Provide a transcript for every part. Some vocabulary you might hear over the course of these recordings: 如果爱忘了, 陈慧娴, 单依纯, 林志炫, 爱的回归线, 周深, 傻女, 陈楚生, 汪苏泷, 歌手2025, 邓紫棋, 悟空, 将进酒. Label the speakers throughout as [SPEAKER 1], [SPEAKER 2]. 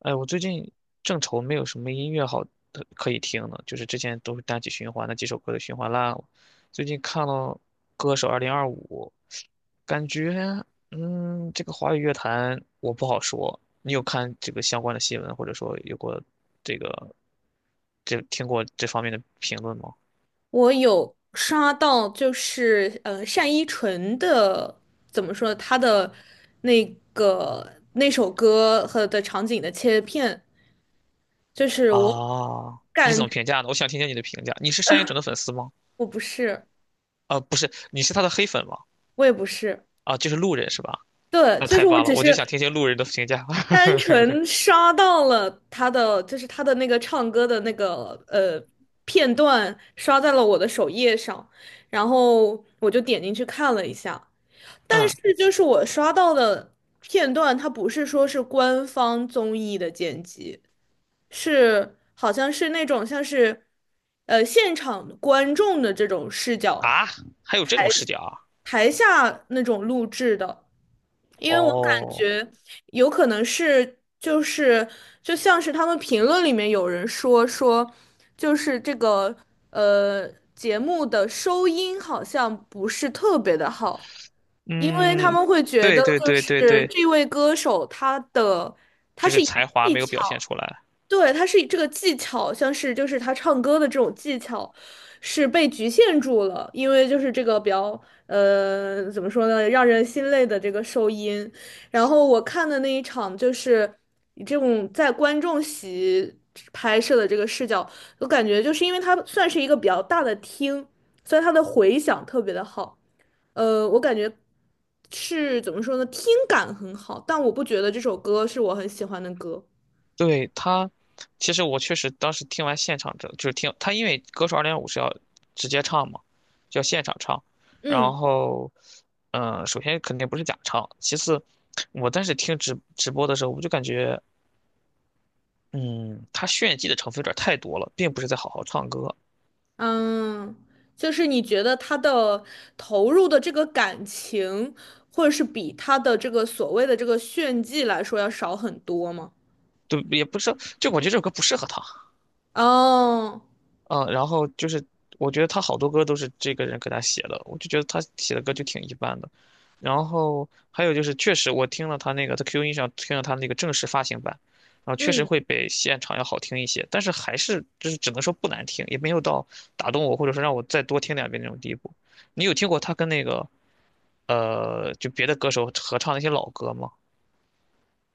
[SPEAKER 1] 哎，我最近正愁没有什么音乐好的可以听呢，就是之前都是单曲循环，那几首歌的循环烂了。最近看了《歌手2025》，感觉，这个华语乐坛我不好说。你有看这个相关的新闻，或者说有过这个这听过这方面的评论吗？
[SPEAKER 2] 我有刷到，就是单依纯的怎么说，她的那个那首歌和的场景的切片，就是我
[SPEAKER 1] 啊，你怎
[SPEAKER 2] 感
[SPEAKER 1] 么评价呢？我想听听你的评价。你是单依纯的粉丝吗？
[SPEAKER 2] 我不是，
[SPEAKER 1] 啊，不是，你是他的黑粉吗？
[SPEAKER 2] 我也不是，
[SPEAKER 1] 啊，就是路人是吧？
[SPEAKER 2] 对，
[SPEAKER 1] 那
[SPEAKER 2] 就
[SPEAKER 1] 太
[SPEAKER 2] 是我
[SPEAKER 1] 棒了，
[SPEAKER 2] 只
[SPEAKER 1] 我就
[SPEAKER 2] 是
[SPEAKER 1] 想听听路人的评价。
[SPEAKER 2] 单纯刷到了她的，就是她的那个唱歌的那个片段，刷在了我的首页上，然后我就点进去看了一下。但
[SPEAKER 1] 嗯。
[SPEAKER 2] 是就是我刷到的片段，它不是说是官方综艺的剪辑，是好像是那种像是，现场观众的这种视角，
[SPEAKER 1] 啊，还有这种视角啊？
[SPEAKER 2] 台下那种录制的。因为我感
[SPEAKER 1] 哦，
[SPEAKER 2] 觉有可能是就像是他们评论里面有人说，就是这个呃节目的收音好像不是特别的好。因为他
[SPEAKER 1] 嗯，
[SPEAKER 2] 们会觉
[SPEAKER 1] 对
[SPEAKER 2] 得，
[SPEAKER 1] 对
[SPEAKER 2] 就
[SPEAKER 1] 对对
[SPEAKER 2] 是
[SPEAKER 1] 对，
[SPEAKER 2] 这位歌手他
[SPEAKER 1] 就
[SPEAKER 2] 是
[SPEAKER 1] 是
[SPEAKER 2] 以
[SPEAKER 1] 才华
[SPEAKER 2] 技
[SPEAKER 1] 没有表现
[SPEAKER 2] 巧，
[SPEAKER 1] 出来。
[SPEAKER 2] 对，他是以这个技巧，像是就是他唱歌的这种技巧是被局限住了，因为就是这个比较怎么说呢，让人心累的这个收音。然后我看的那一场就是以这种在观众席拍摄的这个视角，我感觉就是因为他算是一个比较大的厅，所以它的回响特别的好。我感觉是怎么说呢，听感很好，但我不觉得这首歌是我很喜欢的歌。
[SPEAKER 1] 对他，其实我确实当时听完现场就是听他，因为歌手2.5是要直接唱嘛，就要现场唱。然
[SPEAKER 2] 嗯。
[SPEAKER 1] 后，首先肯定不是假唱，其次，我当时听直播的时候，我就感觉，嗯，他炫技的成分有点太多了，并不是在好好唱歌。
[SPEAKER 2] 嗯，就是你觉得他的投入的这个感情，或者是比他的这个所谓的这个炫技来说要少很多吗？
[SPEAKER 1] 对，也不是，就我觉得这首歌不适合他。
[SPEAKER 2] 哦，
[SPEAKER 1] 嗯，然后就是我觉得他好多歌都是这个人给他写的，我就觉得他写的歌就挺一般的。然后还有就是，确实我听了他那个在 q 音上听了他那个正式发行版，然后确实
[SPEAKER 2] 嗯。
[SPEAKER 1] 会比现场要好听一些，但是还是就是只能说不难听，也没有到打动我或者说让我再多听两遍那种地步。你有听过他跟那个呃就别的歌手合唱那些老歌吗？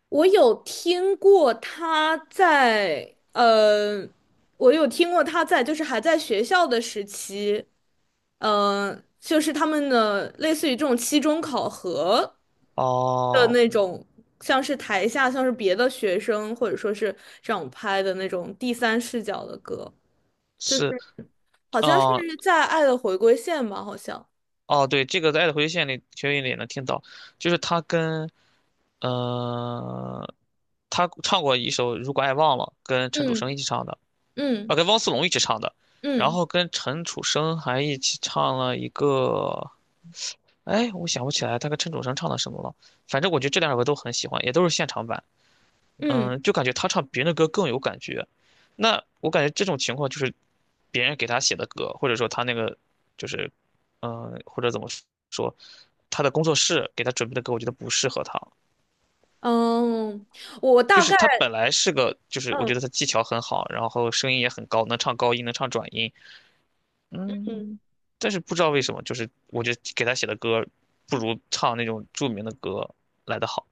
[SPEAKER 2] 我有听过他在，我有听过他在，就是还在学校的时期，就是他们的类似于这种期中考核的
[SPEAKER 1] 哦，
[SPEAKER 2] 那种，像是台下像是别的学生或者说是这样拍的那种第三视角的歌，就是
[SPEAKER 1] 是，
[SPEAKER 2] 好像是
[SPEAKER 1] 嗯、
[SPEAKER 2] 在《爱的回归线》吧，好像，
[SPEAKER 1] 哦，对，这个在《爱的回归线》里，学音里也能听到，就是呃，他唱过一首《如果爱忘了》，跟陈楚
[SPEAKER 2] 嗯。
[SPEAKER 1] 生一起唱的，
[SPEAKER 2] 嗯。
[SPEAKER 1] 啊，跟汪苏泷一起唱的，然
[SPEAKER 2] 嗯。
[SPEAKER 1] 后跟陈楚生还一起唱了一个，哎，我想不起来他跟陈楚生唱的什么了，反正我觉得这两首歌都很喜欢，也都是现场版，
[SPEAKER 2] 嗯。
[SPEAKER 1] 就感觉他唱别人的歌更有感觉。那我感觉这种情况就是别人给他写的歌，或者说他那个就是，或者怎么说，他的工作室给他准备的歌，我觉得不适合他，
[SPEAKER 2] 嗯，哦，我
[SPEAKER 1] 就
[SPEAKER 2] 大
[SPEAKER 1] 是
[SPEAKER 2] 概。
[SPEAKER 1] 他本来是个，就是我觉得
[SPEAKER 2] 嗯。
[SPEAKER 1] 他技巧很好，然后声音也很高，能唱高音，能唱转音，嗯，但是不知道为什么，就是我觉得给他写的歌不如唱那种著名的歌来的好，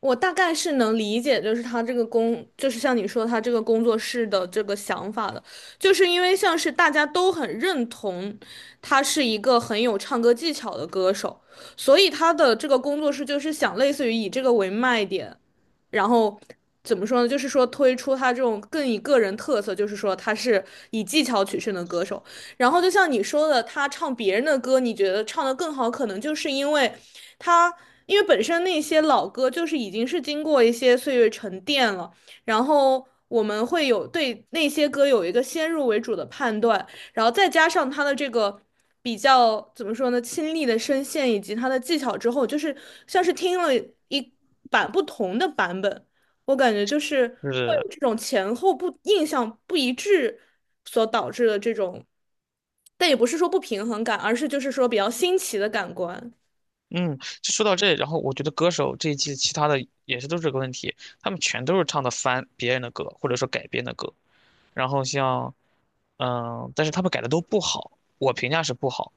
[SPEAKER 2] 我大概是能理解，就是他这个工，就是像你说他这个工作室的这个想法的，就是因为像是大家都很认同他是一个很有唱歌技巧的歌手，所以他的这个工作室就是想类似于以这个为卖点，然后怎么说呢，就是说推出他这种更以个人特色，就是说他是以技巧取胜的歌手。然后就像你说的，他唱别人的歌，你觉得唱得更好，可能就是因为。他因为本身那些老歌就是已经是经过一些岁月沉淀了，然后我们会有对那些歌有一个先入为主的判断，然后再加上他的这个比较怎么说呢，亲历的声线以及他的技巧之后，就是像是听了一版不同的版本，我感觉就是
[SPEAKER 1] 就
[SPEAKER 2] 会
[SPEAKER 1] 是
[SPEAKER 2] 有这种前后不印象不一致所导致的这种。但也不是说不平衡感，而是就是说比较新奇的感官。
[SPEAKER 1] 嗯，就说到这，然后我觉得歌手这一季其他的也是都是这个问题，他们全都是唱的翻别人的歌，或者说改编的歌，然后但是他们改的都不好，我评价是不好，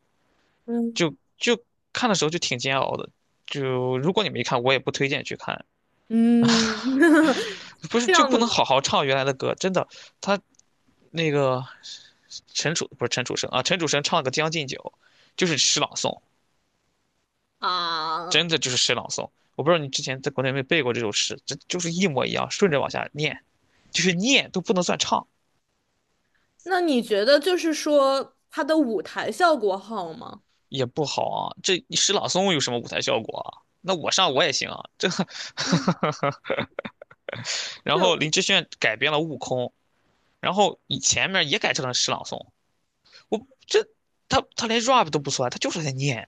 [SPEAKER 1] 就
[SPEAKER 2] 嗯。
[SPEAKER 1] 就看的时候就挺煎熬的。就如果你没看，我也不推荐去看。
[SPEAKER 2] 嗯，
[SPEAKER 1] 不是
[SPEAKER 2] 这
[SPEAKER 1] 就
[SPEAKER 2] 样
[SPEAKER 1] 不
[SPEAKER 2] 的
[SPEAKER 1] 能
[SPEAKER 2] 吗？
[SPEAKER 1] 好好唱原来的歌？真的，他那个陈楚不是陈楚生啊，陈楚生唱了个《将进酒》，就是诗朗诵，
[SPEAKER 2] 啊，
[SPEAKER 1] 真的就是诗朗诵。我不知道你之前在国内有没有背过这首诗，这就是一模一样，顺着往下念，就是念都不能算唱，
[SPEAKER 2] 那你觉得就是说他的舞台效果好吗？
[SPEAKER 1] 也不好啊。这诗朗诵有什么舞台效果啊？那我上我也行啊，这。然
[SPEAKER 2] 就，
[SPEAKER 1] 后林志炫改编了《悟空》，然后以前面也改成了诗朗诵，我这他他连 rap 都不算，他就是在念。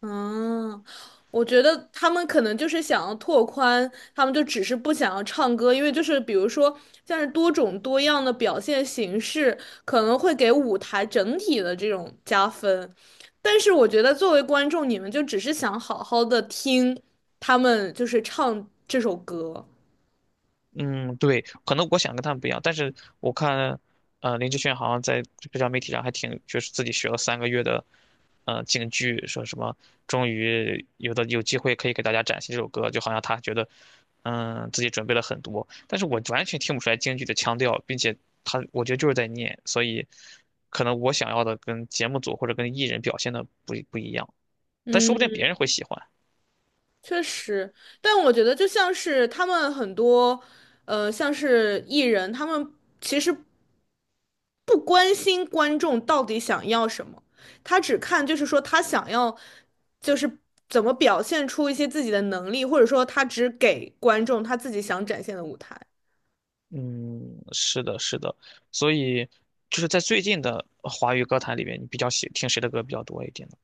[SPEAKER 2] 嗯，我觉得他们可能就是想要拓宽，他们就只是不想要唱歌，因为就是比如说像是多种多样的表现形式，可能会给舞台整体的这种加分。但是我觉得作为观众，你们就只是想好好的听他们就是唱这首歌。
[SPEAKER 1] 嗯，对，可能我想跟他们不一样，但是我看，呃，林志炫好像在社交媒体上还挺，就是自己学了3个月的，呃，京剧，说什么终于有机会可以给大家展现这首歌，就好像他觉得，自己准备了很多，但是我完全听不出来京剧的腔调，并且他我觉得就是在念，所以可能我想要的跟节目组或者跟艺人表现的不一样，但说不定
[SPEAKER 2] 嗯。
[SPEAKER 1] 别人会喜欢。
[SPEAKER 2] 确实，但我觉得就像是他们很多，像是艺人，他们其实不关心观众到底想要什么，他只看就是说他想要，就是怎么表现出一些自己的能力，或者说他只给观众他自己想展现的舞台。
[SPEAKER 1] 嗯，是的，是的，所以就是在最近的华语歌坛里面，你比较喜听谁的歌比较多一点呢？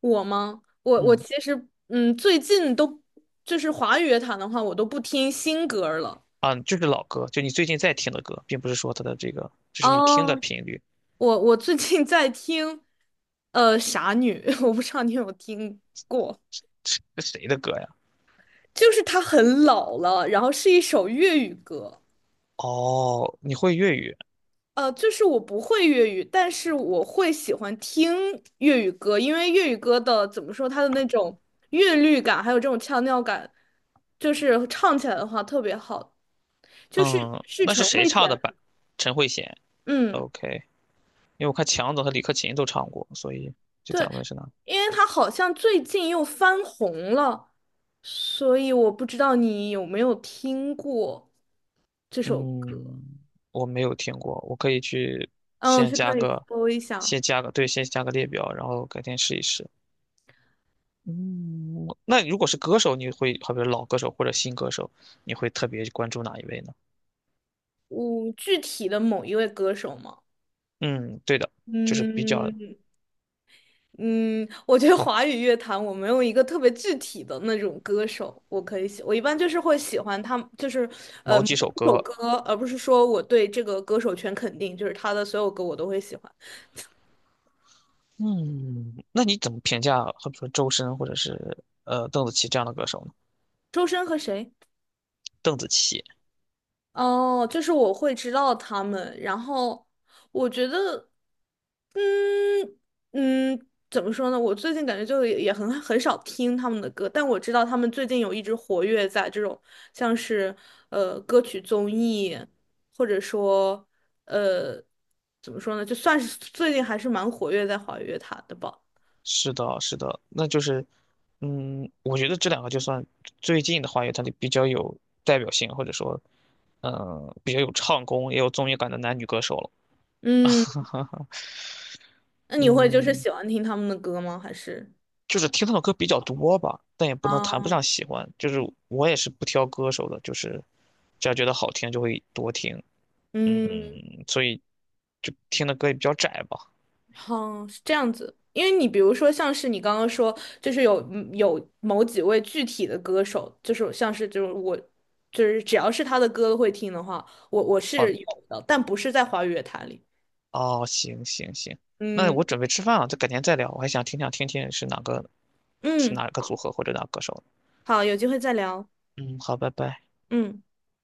[SPEAKER 2] 我吗？我
[SPEAKER 1] 嗯，
[SPEAKER 2] 其实，嗯，最近都就是华语乐坛的话，我都不听新歌儿了。
[SPEAKER 1] 啊，就是老歌，就你最近在听的歌，并不是说它的这个，就是你听的
[SPEAKER 2] 哦，
[SPEAKER 1] 频率，
[SPEAKER 2] 我最近在听，傻女，我不知道你有没有听过，
[SPEAKER 1] 是谁的歌呀？
[SPEAKER 2] 就是她很老了，然后是一首粤语歌，
[SPEAKER 1] 哦，你会粤语，
[SPEAKER 2] 就是我不会粤语，但是我会喜欢听粤语歌，因为粤语歌的怎么说，它的那种韵律感，还有这种腔调感，就是唱起来的话特别好，就是
[SPEAKER 1] 嗯，
[SPEAKER 2] 是
[SPEAKER 1] 那是
[SPEAKER 2] 陈
[SPEAKER 1] 谁
[SPEAKER 2] 慧
[SPEAKER 1] 唱的
[SPEAKER 2] 娴，
[SPEAKER 1] 版？陈慧娴
[SPEAKER 2] 嗯。
[SPEAKER 1] ，OK，因为我看强总和李克勤都唱过，所以就想
[SPEAKER 2] 对，
[SPEAKER 1] 问是哪？
[SPEAKER 2] 因为他好像最近又翻红了，所以我不知道你有没有听过这首歌。
[SPEAKER 1] 嗯，我没有听过，我可以去
[SPEAKER 2] 嗯，
[SPEAKER 1] 先
[SPEAKER 2] 去
[SPEAKER 1] 加
[SPEAKER 2] 可以
[SPEAKER 1] 个，
[SPEAKER 2] 搜一下，
[SPEAKER 1] 先加个，对，先加个列表，然后改天试一试。嗯，那如果是歌手，你会，好比如老歌手或者新歌手，你会特别关注哪一位呢？
[SPEAKER 2] 嗯，具体的某一位歌手吗？
[SPEAKER 1] 嗯，对的，就是比较
[SPEAKER 2] 嗯。嗯，我觉得华语乐坛我没有一个特别具体的那种歌手，我可以喜，我一般就是会喜欢他，就是
[SPEAKER 1] 某
[SPEAKER 2] 某
[SPEAKER 1] 几首
[SPEAKER 2] 一首
[SPEAKER 1] 歌。
[SPEAKER 2] 歌，而不是说我对这个歌手全肯定，就是他的所有歌我都会喜欢。
[SPEAKER 1] 嗯，那你怎么评价，好比说周深或者是呃邓紫棋这样的歌手呢？
[SPEAKER 2] 周深和谁？
[SPEAKER 1] 邓紫棋，
[SPEAKER 2] 哦，就是我会知道他们，然后我觉得，嗯。嗯，怎么说呢？我最近感觉也很少听他们的歌，但我知道他们最近有一直活跃在这种像是歌曲综艺，或者说呃怎么说呢，就算是最近还是蛮活跃在华语乐坛的吧。
[SPEAKER 1] 是的，是的，那就是，我觉得这两个就算最近的话，有它的比较有代表性，或者说，比较有唱功也有综艺感的男女歌手了。
[SPEAKER 2] 嗯，那你会就是
[SPEAKER 1] 嗯。
[SPEAKER 2] 喜欢听他们的歌吗？还是？
[SPEAKER 1] 就是听他的歌比较多吧，但也不能谈不
[SPEAKER 2] 嗯。
[SPEAKER 1] 上喜欢。就是我也是不挑歌手的，就是只要觉得好听就会多听。
[SPEAKER 2] 嗯。
[SPEAKER 1] 所以就听的歌也比较窄吧。
[SPEAKER 2] 哦，是这样子。因为你比如说，像是你刚刚说，就是有嗯有某几位具体的歌手，就是像是就是我，就是只要是他的歌会听的话，我
[SPEAKER 1] 哦
[SPEAKER 2] 是有的，但不是在华语乐坛里。
[SPEAKER 1] 哦，行行行，那
[SPEAKER 2] 嗯。
[SPEAKER 1] 我准备吃饭了，就改天再聊。我还想听想听听是哪个是
[SPEAKER 2] 嗯，
[SPEAKER 1] 哪个组合或者哪个歌手呢？
[SPEAKER 2] 好，有机会再聊。
[SPEAKER 1] 嗯，好，拜拜。
[SPEAKER 2] 嗯。